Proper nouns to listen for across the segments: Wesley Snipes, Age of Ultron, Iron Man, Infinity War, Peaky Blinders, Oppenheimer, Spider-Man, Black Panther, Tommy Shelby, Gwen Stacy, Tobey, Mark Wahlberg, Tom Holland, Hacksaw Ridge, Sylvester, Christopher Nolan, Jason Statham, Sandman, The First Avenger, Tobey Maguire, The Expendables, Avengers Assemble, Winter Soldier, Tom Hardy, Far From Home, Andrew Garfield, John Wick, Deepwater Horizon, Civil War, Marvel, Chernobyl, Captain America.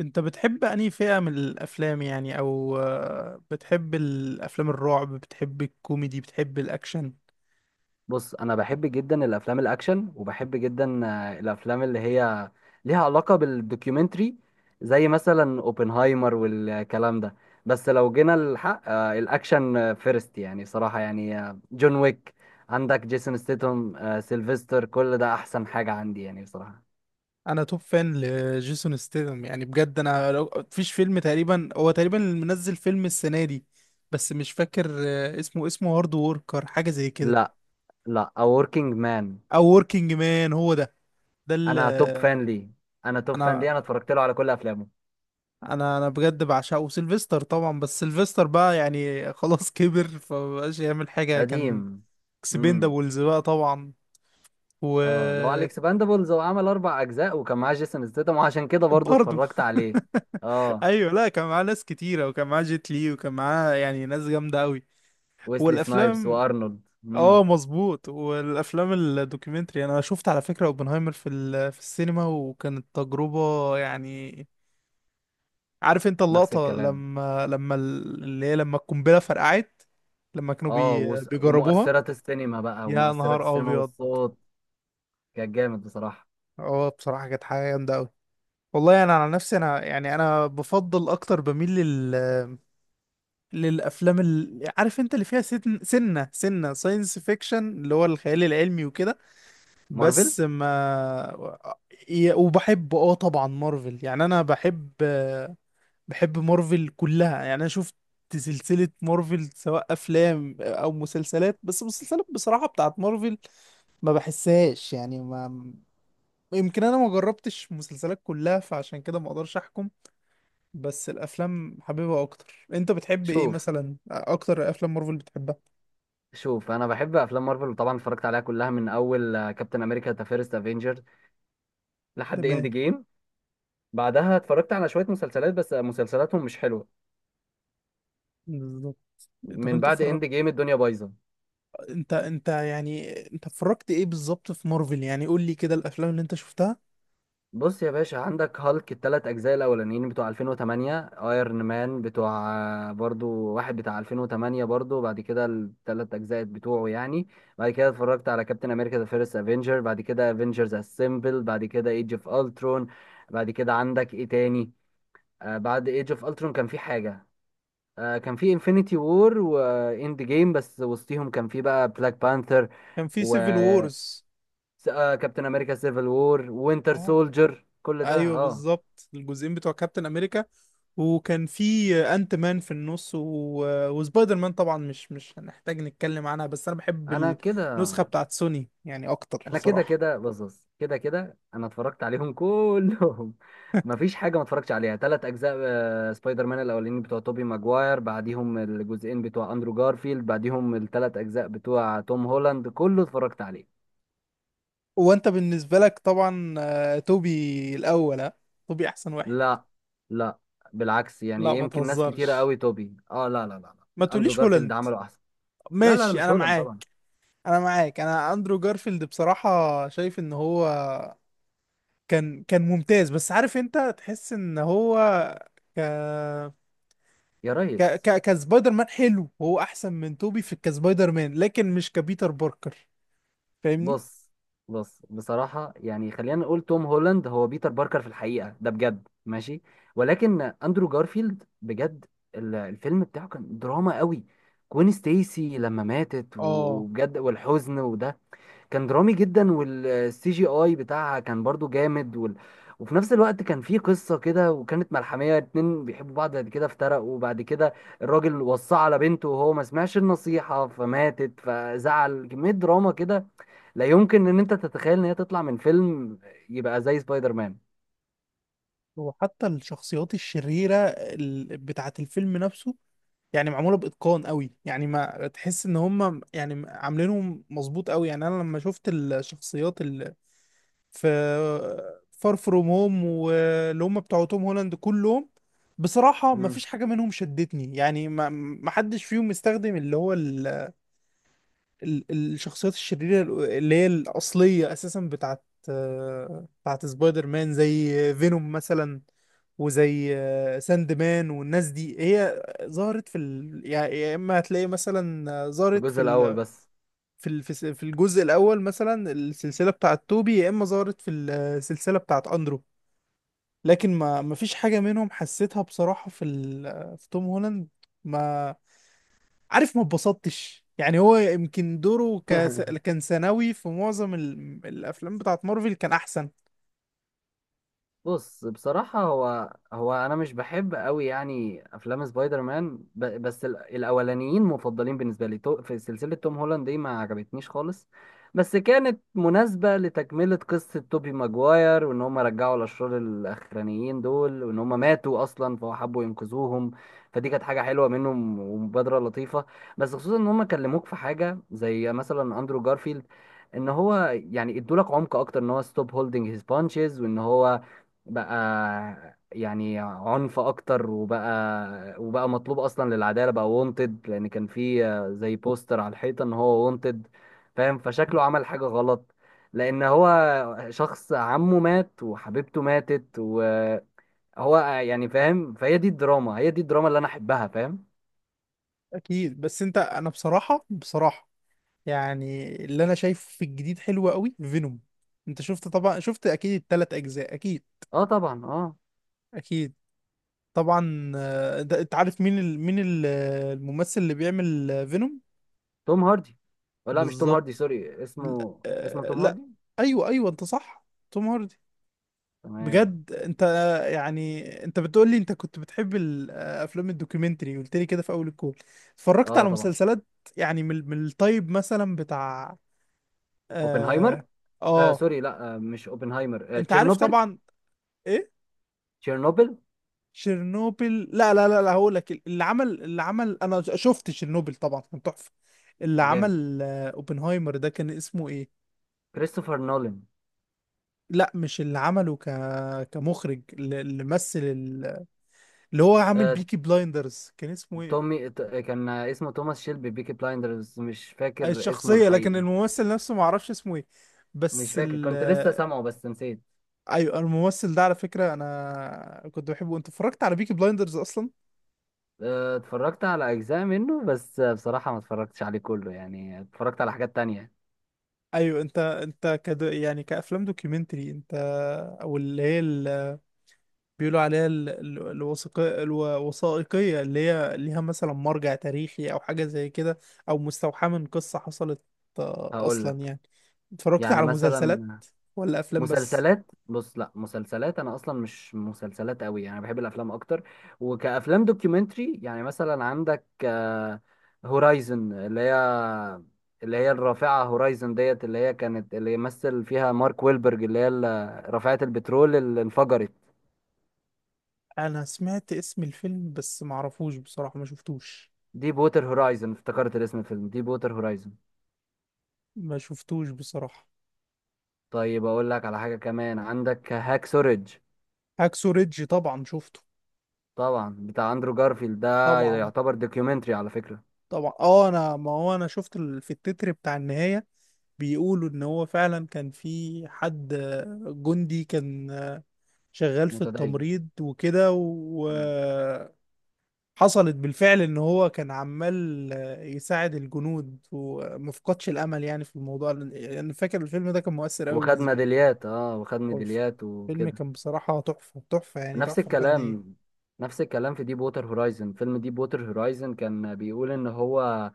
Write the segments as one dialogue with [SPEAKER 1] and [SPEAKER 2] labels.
[SPEAKER 1] انت بتحب انهي فئة من الافلام يعني او بتحب الافلام الرعب؟ بتحب الكوميدي؟ بتحب الاكشن؟
[SPEAKER 2] بص، انا بحب جدا الافلام الاكشن، وبحب جدا الافلام اللي هي ليها علاقه بالدوكيومنتري، زي مثلا اوبنهايمر والكلام ده. بس لو جينا للحق، الاكشن فيرست، يعني صراحه، يعني جون ويك. عندك جيسون ستيتهم، سيلفستر، كل ده احسن حاجه عندي يعني بصراحه.
[SPEAKER 1] انا توب فان لجيسون ستيثم، يعني بجد. انا لو مفيش فيلم، تقريبا هو تقريبا اللي منزل فيلم السنة دي. بس مش فاكر اسمه هارد ووركر، حاجة زي كده.
[SPEAKER 2] لا، لا، A Working Man.
[SPEAKER 1] او وركينج مان، هو ده. ده اللي
[SPEAKER 2] انا توب فان ليه، انا توب فان
[SPEAKER 1] انا
[SPEAKER 2] ليه، انا اتفرجت له على كل افلامه.
[SPEAKER 1] انا بجد بعشقه. سيلفستر طبعا، بس سيلفستر بقى يعني خلاص كبر فمبقاش يعمل حاجة كان.
[SPEAKER 2] قديم.
[SPEAKER 1] اكسبندابلز بقى طبعا. و
[SPEAKER 2] اه، لو على الاكسباندبلز هو عمل اربع اجزاء وكان معاه جيسون ستيتم، وعشان كده برضه
[SPEAKER 1] برضه.
[SPEAKER 2] اتفرجت عليه. اه،
[SPEAKER 1] ايوه، لا كان معاه ناس كتيره، وكان معاه جيت لي، وكان معاه يعني ناس جامده قوي.
[SPEAKER 2] ويسلي سنايبس
[SPEAKER 1] والافلام،
[SPEAKER 2] وارنولد
[SPEAKER 1] اه مظبوط. والافلام الدوكيومنتري، انا شفت على فكره اوبنهايمر في السينما، وكانت تجربه يعني. عارف انت
[SPEAKER 2] نفس
[SPEAKER 1] اللقطه،
[SPEAKER 2] الكلام.
[SPEAKER 1] لما لما ال- اللي هي لما القنبله فرقعت، لما كانوا
[SPEAKER 2] اه،
[SPEAKER 1] بيجربوها؟
[SPEAKER 2] ومؤثرات السينما بقى،
[SPEAKER 1] يا
[SPEAKER 2] ومؤثرات
[SPEAKER 1] نهار
[SPEAKER 2] السينما
[SPEAKER 1] ابيض!
[SPEAKER 2] والصوت كان جامد بصراحة.
[SPEAKER 1] اه بصراحه كانت حاجه جامده قوي. والله انا على نفسي، انا يعني انا بفضل اكتر، بميل للافلام اللي عارف انت اللي فيها سن... سنه سنه ساينس فيكشن، اللي هو الخيال العلمي وكده.
[SPEAKER 2] مارفل.
[SPEAKER 1] بس ما ي- وبحب اه طبعا مارفل. يعني انا بحب مارفل كلها، يعني انا شفت سلسله مارفل سواء افلام او مسلسلات. بس المسلسلات بصراحه بتاعت مارفل ما بحسهاش، يعني ما، يمكن انا ما جربتش مسلسلات كلها، فعشان كده ما اقدرش احكم. بس الافلام حاببها اكتر. انت بتحب ايه
[SPEAKER 2] شوف،
[SPEAKER 1] مثلا اكتر؟ افلام مارفل بتحبها؟
[SPEAKER 2] شوف، انا بحب افلام مارفل وطبعا اتفرجت عليها كلها من اول كابتن امريكا ذا فيرست افنجر لحد اند
[SPEAKER 1] تمام.
[SPEAKER 2] جيم. بعدها اتفرجت على شوية مسلسلات، بس مسلسلاتهم مش حلوة.
[SPEAKER 1] بالظبط. طب
[SPEAKER 2] من
[SPEAKER 1] انت
[SPEAKER 2] بعد
[SPEAKER 1] اتفرجت
[SPEAKER 2] اند جيم الدنيا بايظة.
[SPEAKER 1] انت انت يعني انت اتفرجت ايه بالظبط في مارفل؟ يعني قول لي كده الافلام اللي انت شفتها.
[SPEAKER 2] بص يا باشا، عندك هالك التلات أجزاء الأولانيين بتوع 2008، ايرون مان بتوع برضو واحد بتاع 2008 برضو، بعد كده التلات أجزاء بتوعه يعني. بعد كده اتفرجت على كابتن أمريكا ذا فيرست أفينجر، بعد كده أفينجرز أسمبل، بعد كده ايج اوف ألترون. بعد كده عندك إيه تاني؟ آه، بعد ايج اوف ألترون كان في حاجة. آه، كان في انفينيتي وور وإند جيم، بس وسطيهم كان في بقى بلاك بانثر.
[SPEAKER 1] كان في
[SPEAKER 2] و
[SPEAKER 1] سيفل وورز.
[SPEAKER 2] كابتن أمريكا سيفل وور، وينتر
[SPEAKER 1] اه
[SPEAKER 2] سولجر، كل ده
[SPEAKER 1] ايوه
[SPEAKER 2] اه.
[SPEAKER 1] بالظبط، الجزئين بتوع كابتن امريكا. وكان في انت مان في النص وسبايدر مان طبعا، مش هنحتاج نتكلم عنها. بس انا بحب
[SPEAKER 2] انا كده،
[SPEAKER 1] النسخة بتاعت سوني يعني اكتر
[SPEAKER 2] انا كده،
[SPEAKER 1] بصراحة.
[SPEAKER 2] كده بص، كده كده انا اتفرجت عليهم كلهم مفيش حاجه ما اتفرجتش عليها. ثلاث اجزاء سبايدر مان الاولانيين بتوع توبي ماجواير، بعديهم الجزئين بتوع اندرو جارفيلد، بعديهم الثلاث اجزاء بتوع توم هولاند، كله اتفرجت عليه.
[SPEAKER 1] وانت بالنسبة لك طبعا توبي الاول، ها؟ توبي احسن واحد؟
[SPEAKER 2] لا، لا، بالعكس.
[SPEAKER 1] لا
[SPEAKER 2] يعني
[SPEAKER 1] ما
[SPEAKER 2] يمكن ناس كتيره
[SPEAKER 1] تهزرش،
[SPEAKER 2] قوي توبي، اه لا لا لا، لا.
[SPEAKER 1] ما
[SPEAKER 2] اندرو
[SPEAKER 1] تقوليش
[SPEAKER 2] جارفيلد
[SPEAKER 1] هولاند.
[SPEAKER 2] عمله احسن. لا لا لا،
[SPEAKER 1] ماشي
[SPEAKER 2] مش
[SPEAKER 1] انا
[SPEAKER 2] هولاند طبعا.
[SPEAKER 1] معاك. انا معاك. انا اندرو جارفيلد بصراحة. شايف ان هو كان ممتاز، بس عارف انت تحس ان هو ك
[SPEAKER 2] يا
[SPEAKER 1] ك
[SPEAKER 2] ريس.
[SPEAKER 1] ك كسبايدر مان حلو. هو احسن من توبي في كسبايدر مان لكن مش كبيتر باركر. فاهمني؟
[SPEAKER 2] بص بص، بصراحة يعني خلينا نقول توم هولاند هو بيتر باركر في الحقيقة، ده بجد ماشي. ولكن أندرو جارفيلد بجد، الفيلم بتاعه كان دراما قوي. كوين ستيسي لما ماتت،
[SPEAKER 1] اه،
[SPEAKER 2] وبجد والحزن وده، كان درامي جدا. والسي جي اي بتاعها كان برضو جامد، وفي نفس الوقت كان في قصة كده، وكانت ملحمية. اتنين بيحبوا بعض، بعد كده افترقوا، وبعد كده الراجل وصى على بنته، وهو ما سمعش النصيحة فماتت فزعل، كمية دراما كده لا يمكن ان انت تتخيل ان هي تطلع من فيلم يبقى زي سبايدر مان.
[SPEAKER 1] وحتى الشخصيات الشريرة بتاعة الفيلم نفسه يعني معموله باتقان قوي، يعني ما تحس ان هم يعني عاملينهم مظبوط قوي. يعني انا لما شفت الشخصيات اللي في فار فروم هوم، واللي هم بتوع توم هولاند كلهم، بصراحه ما
[SPEAKER 2] مم.
[SPEAKER 1] فيش حاجه منهم شدتني، يعني ما حدش فيهم استخدم اللي هو الشخصيات الشريرة اللي هي الأصلية أساسا بتاعت بتاعت سبايدر مان، زي فينوم مثلا. وزي ساند مان والناس دي، هي ظهرت يعني يا إما هتلاقي مثلا
[SPEAKER 2] في
[SPEAKER 1] ظهرت في
[SPEAKER 2] الجزء الاول
[SPEAKER 1] ال...
[SPEAKER 2] بس.
[SPEAKER 1] في ال... في س- في الجزء الأول مثلا السلسلة بتاعت توبي، يا إما ظهرت في السلسلة بتاعت أندرو. لكن ما فيش حاجة منهم حسيتها بصراحة في توم هولاند. ما عارف. ما اتبسطتش يعني. هو يمكن دوره كان ثانوي في معظم الافلام بتاعت مارفل كان احسن.
[SPEAKER 2] بص، بصراحة هو هو أنا مش بحب أوي يعني أفلام سبايدر مان، بس الأولانيين مفضلين بالنسبة لي. في سلسلة توم هولاند دي ما عجبتنيش خالص، بس كانت مناسبة لتكملة قصة توبي ماجواير، وإن هم رجعوا الأشرار الأخرانيين دول وإن هم ماتوا أصلا فحبوا ينقذوهم. فدي كانت حاجة حلوة منهم ومبادرة لطيفة. بس خصوصا إن هم كلموك في حاجة زي مثلا أندرو جارفيلد، ان هو يعني ادولك عمق اكتر ان هو ستوب هولدنج هيز بانشز، وان هو بقى يعني عنف اكتر، وبقى وبقى مطلوب اصلا للعداله، بقى وونتد. لان كان في زي بوستر على الحيطه ان هو وونتد، فاهم؟ فشكله عمل حاجه غلط، لان هو شخص عمه مات وحبيبته ماتت وهو يعني، فاهم؟ فهي دي الدراما، هي دي الدراما اللي انا احبها، فاهم؟
[SPEAKER 1] اكيد. بس انت، انا بصراحه يعني اللي انا شايفه في الجديد حلو قوي، فينوم. انت شفت طبعا، شفت اكيد التلات اجزاء، اكيد.
[SPEAKER 2] اه طبعا اه.
[SPEAKER 1] اكيد طبعا. ده انت عارف مين الممثل اللي بيعمل فينوم؟
[SPEAKER 2] توم هاردي. أو لا، مش توم هاردي،
[SPEAKER 1] بالظبط.
[SPEAKER 2] سوري،
[SPEAKER 1] لا
[SPEAKER 2] اسمه توم
[SPEAKER 1] لا.
[SPEAKER 2] هاردي.
[SPEAKER 1] ايوه ايوه انت صح، توم هاردي.
[SPEAKER 2] تمام.
[SPEAKER 1] بجد انت يعني انت بتقول لي انت كنت بتحب الافلام الدوكيومنتري، قلت لي كده في اول الكول. اتفرجت
[SPEAKER 2] اه
[SPEAKER 1] على
[SPEAKER 2] طبعا.
[SPEAKER 1] مسلسلات، يعني من الطيب مثلا بتاع اه,
[SPEAKER 2] اوبنهايمر. آه
[SPEAKER 1] آه.
[SPEAKER 2] سوري، لا، آه، مش اوبنهايمر، آه،
[SPEAKER 1] انت عارف
[SPEAKER 2] تشيرنوبل.
[SPEAKER 1] طبعا. ايه؟
[SPEAKER 2] تشيرنوبل.
[SPEAKER 1] شيرنوبل؟ لا، لا، لا، لا، هقول لك. اللي عمل انا شفت شيرنوبل طبعا، كان تحفة. اللي
[SPEAKER 2] جامد.
[SPEAKER 1] عمل اوبنهايمر ده، كان اسمه ايه؟
[SPEAKER 2] كريستوفر نولان.
[SPEAKER 1] لا، مش اللي عمله كمخرج، اللي مثل اللي هو عامل
[SPEAKER 2] آه،
[SPEAKER 1] بيكي بلايندرز كان اسمه ايه
[SPEAKER 2] كان اسمه توماس شيلبي، بيكي بلايندرز، مش فاكر اسمه
[SPEAKER 1] الشخصية، لكن
[SPEAKER 2] الحقيقي.
[SPEAKER 1] الممثل نفسه ما اعرفش اسمه ايه.
[SPEAKER 2] مش
[SPEAKER 1] بس
[SPEAKER 2] فاكر،
[SPEAKER 1] ال
[SPEAKER 2] كنت لسه سامعه بس نسيت.
[SPEAKER 1] ايوه، الممثل ده على فكرة انا كنت بحبه. انت اتفرجت على بيكي بلايندرز اصلا؟
[SPEAKER 2] آه، اتفرجت على اجزاء منه بس، آه، بصراحة ما اتفرجتش عليه كله يعني، اتفرجت على حاجات تانية.
[SPEAKER 1] ايوه. يعني كافلام دوكيومنتري انت، او اللي هي بيقولوا عليها الوثائقية اللي هي ليها مثلا مرجع تاريخي، او حاجة زي كده، او مستوحاة من قصة حصلت
[SPEAKER 2] هقول
[SPEAKER 1] اصلا
[SPEAKER 2] لك
[SPEAKER 1] يعني. اتفرجت
[SPEAKER 2] يعني
[SPEAKER 1] على مسلسلات
[SPEAKER 2] مثلا،
[SPEAKER 1] ولا افلام بس؟
[SPEAKER 2] مسلسلات. بص لا، مسلسلات انا اصلا مش مسلسلات قوي يعني، بحب الافلام اكتر. وكافلام دوكيومنتري يعني مثلا عندك هورايزن اللي هي، الرافعه هورايزن ديت، اللي هي كانت اللي يمثل فيها مارك ويلبرج، رافعه البترول اللي انفجرت.
[SPEAKER 1] انا سمعت اسم الفيلم بس معرفوش بصراحة، ما شفتوش.
[SPEAKER 2] دي بوتر هورايزن، افتكرت الاسم، الفيلم دي بوتر هورايزن.
[SPEAKER 1] ما شفتوش بصراحة.
[SPEAKER 2] طيب اقول لك على حاجه كمان، عندك هاك سوريج.
[SPEAKER 1] هاكسو ريدج طبعا شفته.
[SPEAKER 2] طبعا بتاع اندرو جارفيلد ده
[SPEAKER 1] طبعا،
[SPEAKER 2] يعتبر دوكيومنتري على فكره.
[SPEAKER 1] طبعا، اه. انا ما هو انا شفت في التتر بتاع النهاية بيقولوا ان هو فعلا كان في حد جندي كان شغال في
[SPEAKER 2] متدين.
[SPEAKER 1] التمريض وكده وحصلت بالفعل ان هو كان عمال يساعد الجنود ومفقدش الامل يعني في الموضوع. انا فاكر الفيلم ده كان مؤثر قوي
[SPEAKER 2] وخد
[SPEAKER 1] بالنسبة لي.
[SPEAKER 2] ميداليات، اه وخد
[SPEAKER 1] اوف،
[SPEAKER 2] ميداليات
[SPEAKER 1] فيلم
[SPEAKER 2] وكده.
[SPEAKER 1] كان بصراحة تحفة، تحفة، يعني
[SPEAKER 2] نفس
[SPEAKER 1] تحفة فنية.
[SPEAKER 2] الكلام. نفس الكلام، في ديب ووتر هورايزن. فيلم ديب ووتر هورايزن كان بيقول ان هو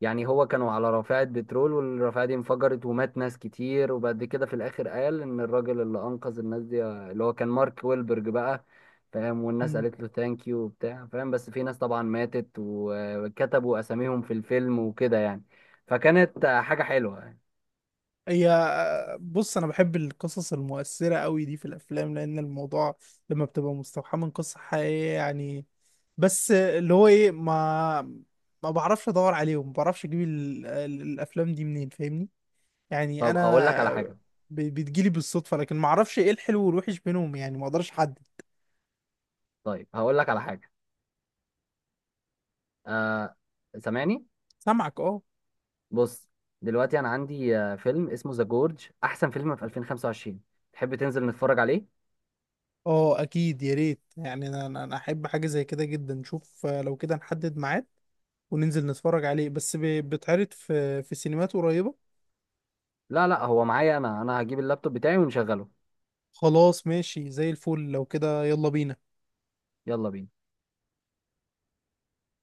[SPEAKER 2] يعني هو كانوا على رافعة بترول، والرافعة دي انفجرت ومات ناس كتير، وبعد كده في الاخر قال ان الراجل اللي انقذ الناس دي اللي هو كان مارك ويلبرج بقى، فاهم؟ والناس
[SPEAKER 1] مم.
[SPEAKER 2] قالت له ثانك يو وبتاع، فاهم؟ بس في ناس طبعا ماتت وكتبوا اساميهم في الفيلم وكده يعني، فكانت حاجة حلوة يعني.
[SPEAKER 1] هي بص، انا بحب القصص المؤثرة قوي دي في الافلام، لان الموضوع لما بتبقى مستوحاة من قصة حقيقية يعني. بس اللي هو ايه، ما بعرفش ادور عليهم، ما بعرفش اجيب الافلام دي منين. فاهمني؟ يعني
[SPEAKER 2] طب اقول لك على
[SPEAKER 1] انا
[SPEAKER 2] حاجة،
[SPEAKER 1] بتجيلي بالصدفة، لكن ما اعرفش ايه الحلو والوحش بينهم، يعني ما اقدرش احدد.
[SPEAKER 2] طيب هقول لك على حاجة. آه، سامعني؟
[SPEAKER 1] سامعك. اه،
[SPEAKER 2] بص، دلوقتي انا عندي آه فيلم اسمه ذا جورج، احسن فيلم في 2025، تحب تنزل نتفرج عليه؟
[SPEAKER 1] اه، اكيد يا ريت. يعني انا احب حاجه زي كده جدا. نشوف لو كده نحدد ميعاد، وننزل نتفرج عليه. بس بيتعرض في سينمات قريبه؟
[SPEAKER 2] لا لا، هو معايا، انا انا هجيب اللابتوب بتاعي ونشغله.
[SPEAKER 1] خلاص ماشي زي الفل لو كده. يلا بينا.
[SPEAKER 2] يلا بينا.